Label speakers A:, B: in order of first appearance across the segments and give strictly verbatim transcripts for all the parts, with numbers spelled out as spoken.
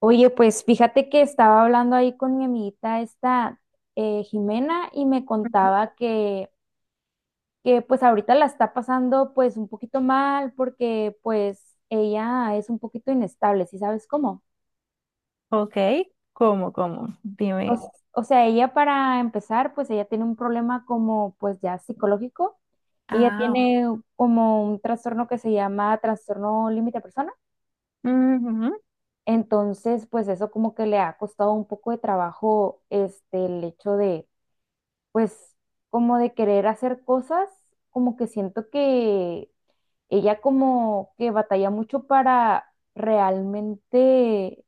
A: Oye, pues fíjate que estaba hablando ahí con mi amiguita esta eh, Jimena y me
B: Ujú.
A: contaba que, que pues ahorita la está pasando pues un poquito mal porque pues ella es un poquito inestable, ¿sí sabes cómo?
B: Ok, ¿cómo, cómo?
A: O,
B: Dime.
A: s- o sea, ella para empezar pues ella tiene un problema como pues ya psicológico, ella
B: Ah,
A: tiene como un trastorno que se llama trastorno límite de persona.
B: ujú,
A: Entonces, pues eso como que le ha costado un poco de trabajo, este, el hecho de, pues como de querer hacer cosas, como que siento que ella como que batalla mucho para realmente,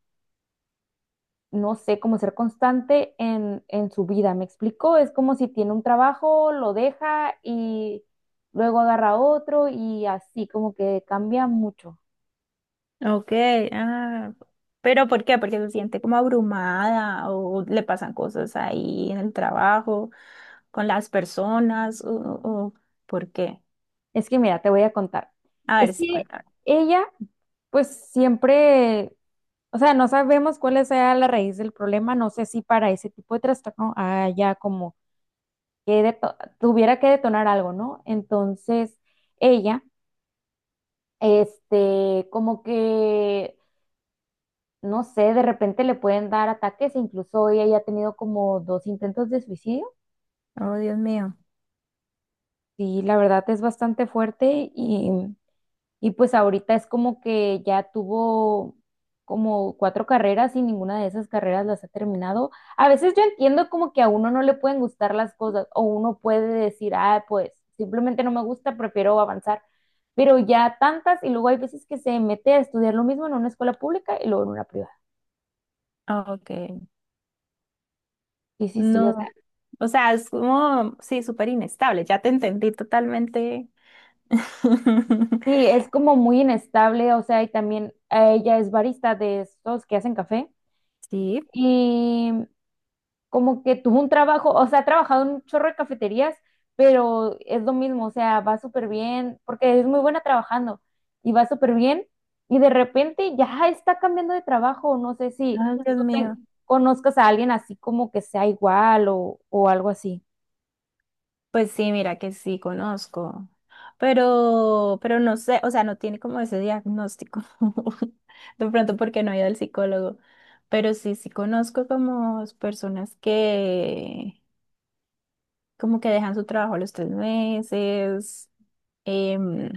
A: no sé, como ser constante en, en su vida. ¿Me explico? Es como si tiene un trabajo, lo deja y luego agarra otro y así como que cambia mucho.
B: Ok, ah, pero ¿por qué? Porque se siente como abrumada o le pasan cosas ahí en el trabajo, con las personas, o, o- ¿por qué?
A: Es que mira, te voy a contar.
B: A ver
A: Es
B: si
A: que
B: cuéntame.
A: ella pues siempre. O sea, no sabemos cuál sea la raíz del problema. No sé si para ese tipo de trastorno haya como que deto- tuviera que detonar algo, ¿no? Entonces, ella, este, como que, no sé, de repente le pueden dar ataques. Incluso ella ya ha tenido como dos intentos de suicidio.
B: Oh, Dios mío.
A: Sí, la verdad es bastante fuerte. y Y pues ahorita es como que ya tuvo como cuatro carreras y ninguna de esas carreras las ha terminado. A veces yo entiendo como que a uno no le pueden gustar las cosas o uno puede decir, ah, pues simplemente no me gusta, prefiero avanzar. Pero ya tantas, y luego hay veces que se mete a estudiar lo mismo en una escuela pública y luego en una privada.
B: Ok,
A: Sí, sí, sí, o sea,
B: no. O sea, es como, sí, súper inestable. Ya te entendí totalmente.
A: sí, es como muy inestable, o sea, y también eh, ella es barista de estos que hacen café
B: Sí.
A: y como que tuvo un trabajo, o sea, ha trabajado en un chorro de cafeterías, pero es lo mismo, o sea, va súper bien, porque es muy buena trabajando y va súper bien, y de repente ya está cambiando de trabajo, no sé si
B: Ay, Dios
A: tú te-
B: mío.
A: conozcas a alguien así como que sea igual o, o algo así.
B: Pues sí, mira que sí conozco. Pero, pero no sé, o sea, no tiene como ese diagnóstico. De pronto porque no ha ido al psicólogo, pero sí, sí conozco como personas que como que dejan su trabajo a los tres meses. em,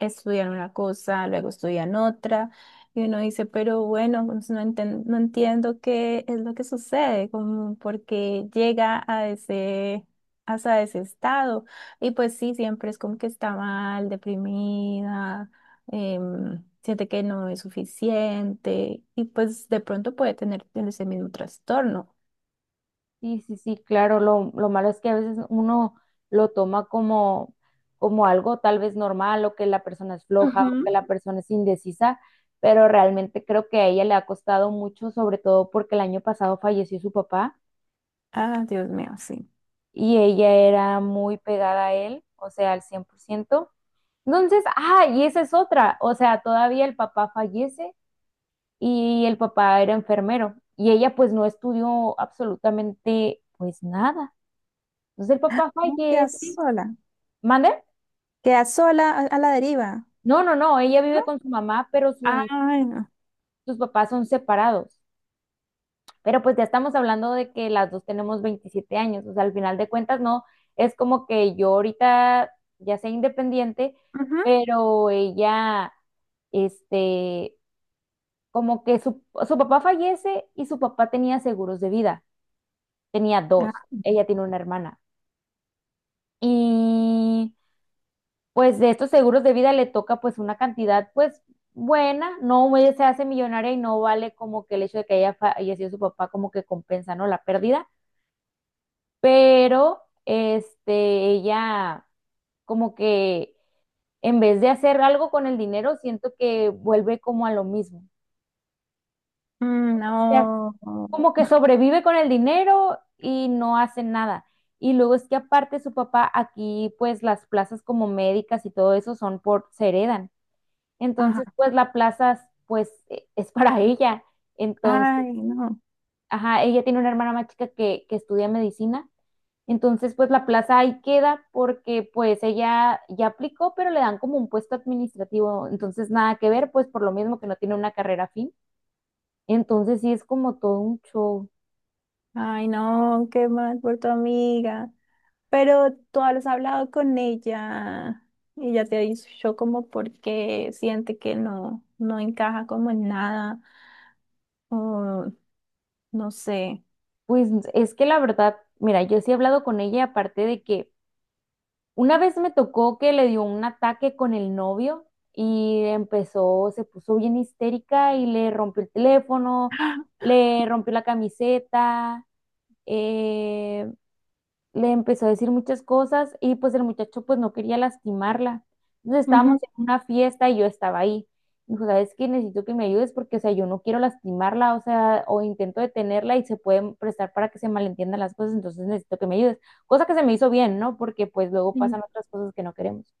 B: Estudian una cosa, luego estudian otra, y uno dice, pero bueno, pues no enten- no entiendo qué es lo que sucede, como porque llega a ese, hasta ese estado. Y pues sí, siempre es como que está mal, deprimida, em, siente que no es suficiente, y pues de pronto puede tener ese mismo trastorno.
A: Sí, sí, sí, claro, lo, lo malo es que a veces uno lo toma como, como algo tal vez normal o que la persona es floja o que
B: Ujú.
A: la persona es indecisa, pero realmente creo que a ella le ha costado mucho, sobre todo porque el año pasado falleció su papá
B: Ah, Dios mío, sí.
A: y ella era muy pegada a él, o sea, al cien por ciento. Entonces, ah, y esa es otra, o sea, todavía el papá fallece y el papá era enfermero y ella pues no estudió absolutamente pues nada. Entonces el papá
B: No, quedas
A: fallece.
B: sola.
A: ¿Mande?
B: Quedas sola a, a la deriva.
A: No, no, no, ella vive con su mamá, pero su-
B: Ay, no.
A: sus papás son separados. Pero pues ya estamos hablando de que las dos tenemos veintisiete años, o sea, al final de cuentas no, es como que yo ahorita ya sea independiente,
B: Ujú.
A: pero ella, este, como que su, su papá fallece y su papá tenía seguros de vida, tenía
B: Ah,
A: dos, ella tiene una hermana. Y pues de estos seguros de vida le toca pues una cantidad pues buena, no ella se hace millonaria y no vale, como que el hecho de que haya fallecido su papá como que compensa, ¿no? La pérdida, pero este, ella como que en vez de hacer algo con el dinero, siento que vuelve como a lo mismo.
B: mm,
A: O sea,
B: no.
A: como que sobrevive con el dinero y no hace nada. Y luego es que aparte su papá aquí, pues las plazas como médicas y todo eso son por, se heredan. Entonces,
B: Ajá.
A: pues la plaza, pues e- es para ella. Entonces,
B: Ay, no.
A: ajá, ella tiene una hermana más chica que, que estudia medicina. Entonces, pues la plaza ahí queda porque pues ella ya aplicó, pero le dan como un puesto administrativo. Entonces, nada que ver, pues por lo mismo que no tiene una carrera fin. Entonces, sí es como todo un show.
B: Ay, no, qué mal por tu amiga. Pero tú has hablado con ella y ya te ha dicho como porque siente que no, no encaja como en nada o no sé.
A: Pues es que la verdad, mira, yo sí he hablado con ella, aparte de que una vez me tocó que le dio un ataque con el novio y empezó, se puso bien histérica y le rompió el teléfono, le rompió la camiseta, eh, le empezó a decir muchas cosas y pues el muchacho pues no quería lastimarla. Entonces estábamos
B: Ujú,
A: en una fiesta y yo estaba ahí. Me dijo, ¿sabes qué? Necesito que me ayudes porque, o sea, yo no quiero lastimarla, o sea, o intento detenerla y se pueden prestar para que se malentiendan las cosas, entonces necesito que me ayudes. Cosa que se me hizo bien, ¿no? Porque pues luego pasan
B: sí.
A: otras cosas que no queremos.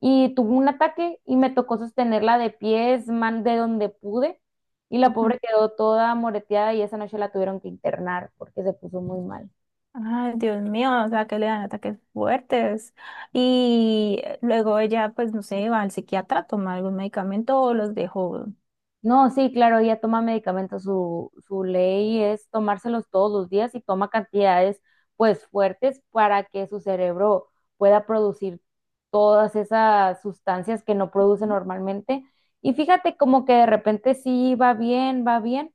A: Y tuvo un ataque y me tocó sostenerla de pies, man, de donde pude. Y la
B: Ujú.
A: pobre quedó toda moreteada y esa noche la tuvieron que internar porque se puso muy mal.
B: Ay, Dios mío, o sea, que le dan ataques fuertes. Y luego ella, pues, no sé, va al psiquiatra, toma algún medicamento o los dejó.
A: No, sí, claro, ella toma medicamentos, su, su ley es tomárselos todos los días y toma cantidades pues fuertes para que su cerebro pueda producir todas esas sustancias que no produce normalmente. Y fíjate como que de repente sí va bien, va bien.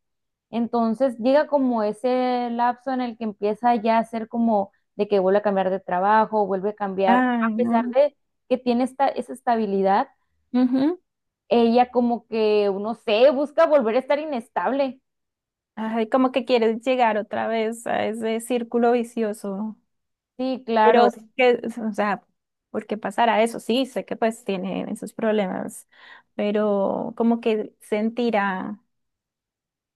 A: Entonces llega como ese lapso en el que empieza ya a ser como de que vuelve a cambiar de trabajo, vuelve a cambiar,
B: Ay,
A: a pesar
B: no.
A: de que tiene esta, esa estabilidad.
B: Ujú.
A: Ella como que, no sé, busca volver a estar inestable.
B: Ay, como que quieres llegar otra vez a ese círculo vicioso.
A: Sí,
B: Pero,
A: claro.
B: es que, o sea, ¿por qué pasará eso? Sí, sé que pues tiene esos problemas, pero como que sentirá,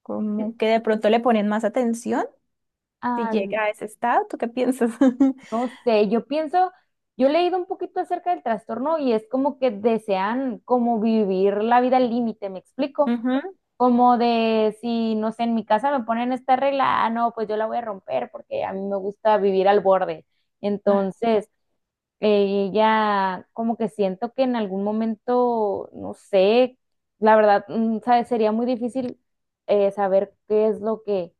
B: como que de pronto le ponen más atención si
A: Ah,
B: llega a ese estado. ¿Tú qué piensas?
A: no sé, yo pienso, yo he leído un poquito acerca del trastorno y es como que desean como vivir la vida al límite, ¿me explico?
B: Ujú.
A: Como de si, no sé, en mi casa me ponen esta regla, ah, no, pues yo la voy a romper porque a mí me gusta vivir al borde.
B: Ah,
A: Entonces, Eh, ella, como que siento que en algún momento, no sé, la verdad, mm, ¿sabes? Sería muy difícil eh, saber qué es lo que,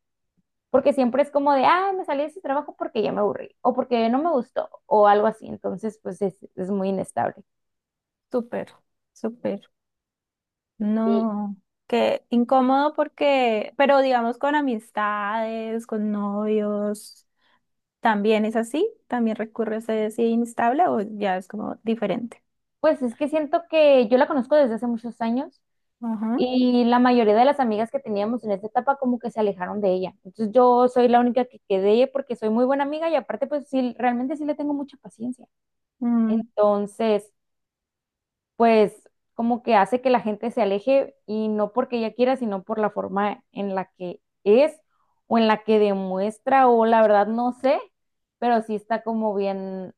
A: porque siempre es como de, ah, me salí de ese trabajo porque ya me aburrí, o porque no me gustó, o algo así, entonces, pues es, es muy inestable.
B: súper, súper.
A: Y
B: No, qué incómodo porque, pero digamos con amistades, con novios. ¿También es así? ¿También recurre a ese sí inestable o ya es como diferente?
A: pues es que siento que yo la conozco desde hace muchos años
B: Ajá.
A: y la mayoría de las amigas que teníamos en esta etapa como que se alejaron de ella. Entonces yo soy la única que quedé, porque soy muy buena amiga y aparte pues sí, realmente sí le tengo mucha paciencia.
B: Mm,
A: Entonces, pues como que hace que la gente se aleje, y no porque ella quiera, sino por la forma en la que es o en la que demuestra o la verdad no sé, pero sí está como bien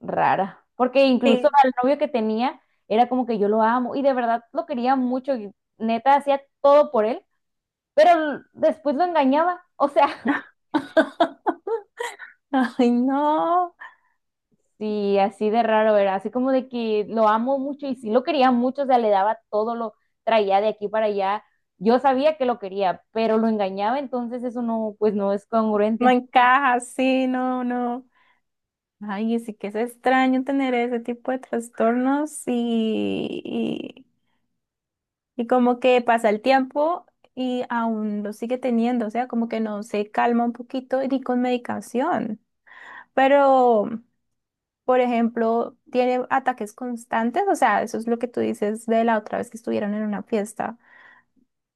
A: rara. Porque incluso
B: sí.
A: al novio que tenía era como que yo lo amo y de verdad lo quería mucho y neta hacía todo por él, pero l- después lo engañaba. O sea,
B: Ay, no,
A: sí, así de raro era, así como de que lo amo mucho y sí lo quería mucho, o sea, le daba todo, lo traía de aquí para allá. Yo sabía que lo quería, pero lo engañaba, entonces eso no, pues no es
B: no
A: congruente.
B: encaja, sí, no, no. Ay, sí que es extraño tener ese tipo de trastornos, y y, y como que pasa el tiempo y aún lo sigue teniendo, o sea, como que no se calma un poquito ni con medicación. Pero por ejemplo, tiene ataques constantes, o sea, eso es lo que tú dices de la otra vez que estuvieron en una fiesta.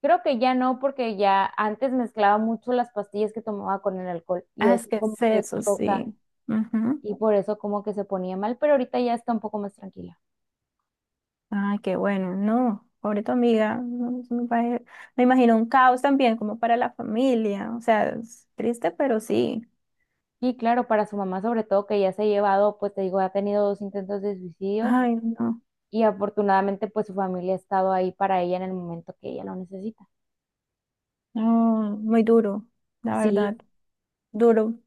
A: Creo que ya no, porque ya antes mezclaba mucho las pastillas que tomaba con el alcohol y
B: Ah, es
A: eso
B: que
A: como
B: es
A: que
B: eso,
A: choca
B: sí. Ujú.
A: y por eso como que se ponía mal, pero ahorita ya está un poco más tranquila.
B: Ay, qué bueno, no, pobre tu amiga, no, eso me pare- me imagino un caos también como para la familia, o sea, es triste, pero sí.
A: Y claro, para su mamá sobre todo, que ya se ha llevado, pues te digo, ha tenido dos intentos de suicidio
B: Ay, no,
A: y afortunadamente pues su familia ha estado ahí para ella en el momento que ella lo necesita.
B: no, muy duro, la
A: Sí,
B: verdad, duro.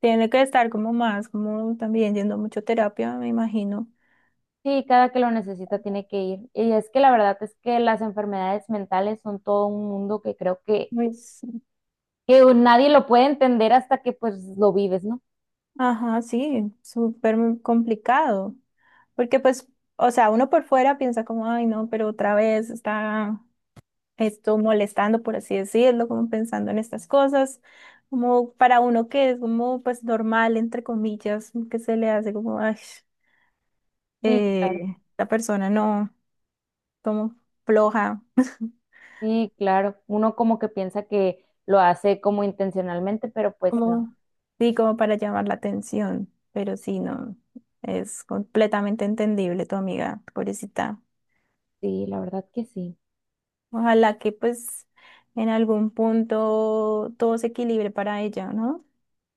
B: Tiene que estar como más, como también yendo a mucho terapia, me imagino.
A: sí, cada que lo necesita tiene que ir. Y es que la verdad es que las enfermedades mentales son todo un mundo, que creo que,
B: Pues,
A: que nadie lo puede entender hasta que pues lo vives, ¿no?
B: ajá, sí, súper complicado. Porque pues, o sea, uno por fuera piensa como, ay, no, pero otra vez está esto molestando, por así decirlo, como pensando en estas cosas, como para uno que es como pues normal, entre comillas, que se le hace como, ay,
A: Sí,
B: eh,
A: claro,
B: la persona no, como floja,
A: sí, claro. Uno como que piensa que lo hace como intencionalmente, pero pues
B: como,
A: no.
B: sí, como para llamar la atención, pero sí, no, es completamente entendible tu amiga, pobrecita.
A: Sí, la verdad que sí.
B: Ojalá que pues en algún punto todo se equilibre para ella, ¿no?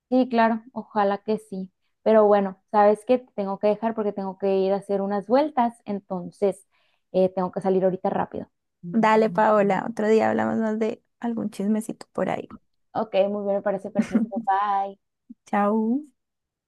A: Sí, claro, ojalá que sí. Pero bueno, sabes que tengo que dejar porque tengo que ir a hacer unas vueltas, entonces eh, tengo que salir ahorita rápido.
B: Dale, Paola, otro día hablamos más de algún chismecito por ahí.
A: Ok, muy bien, me parece perfecto. Bye.
B: Chao.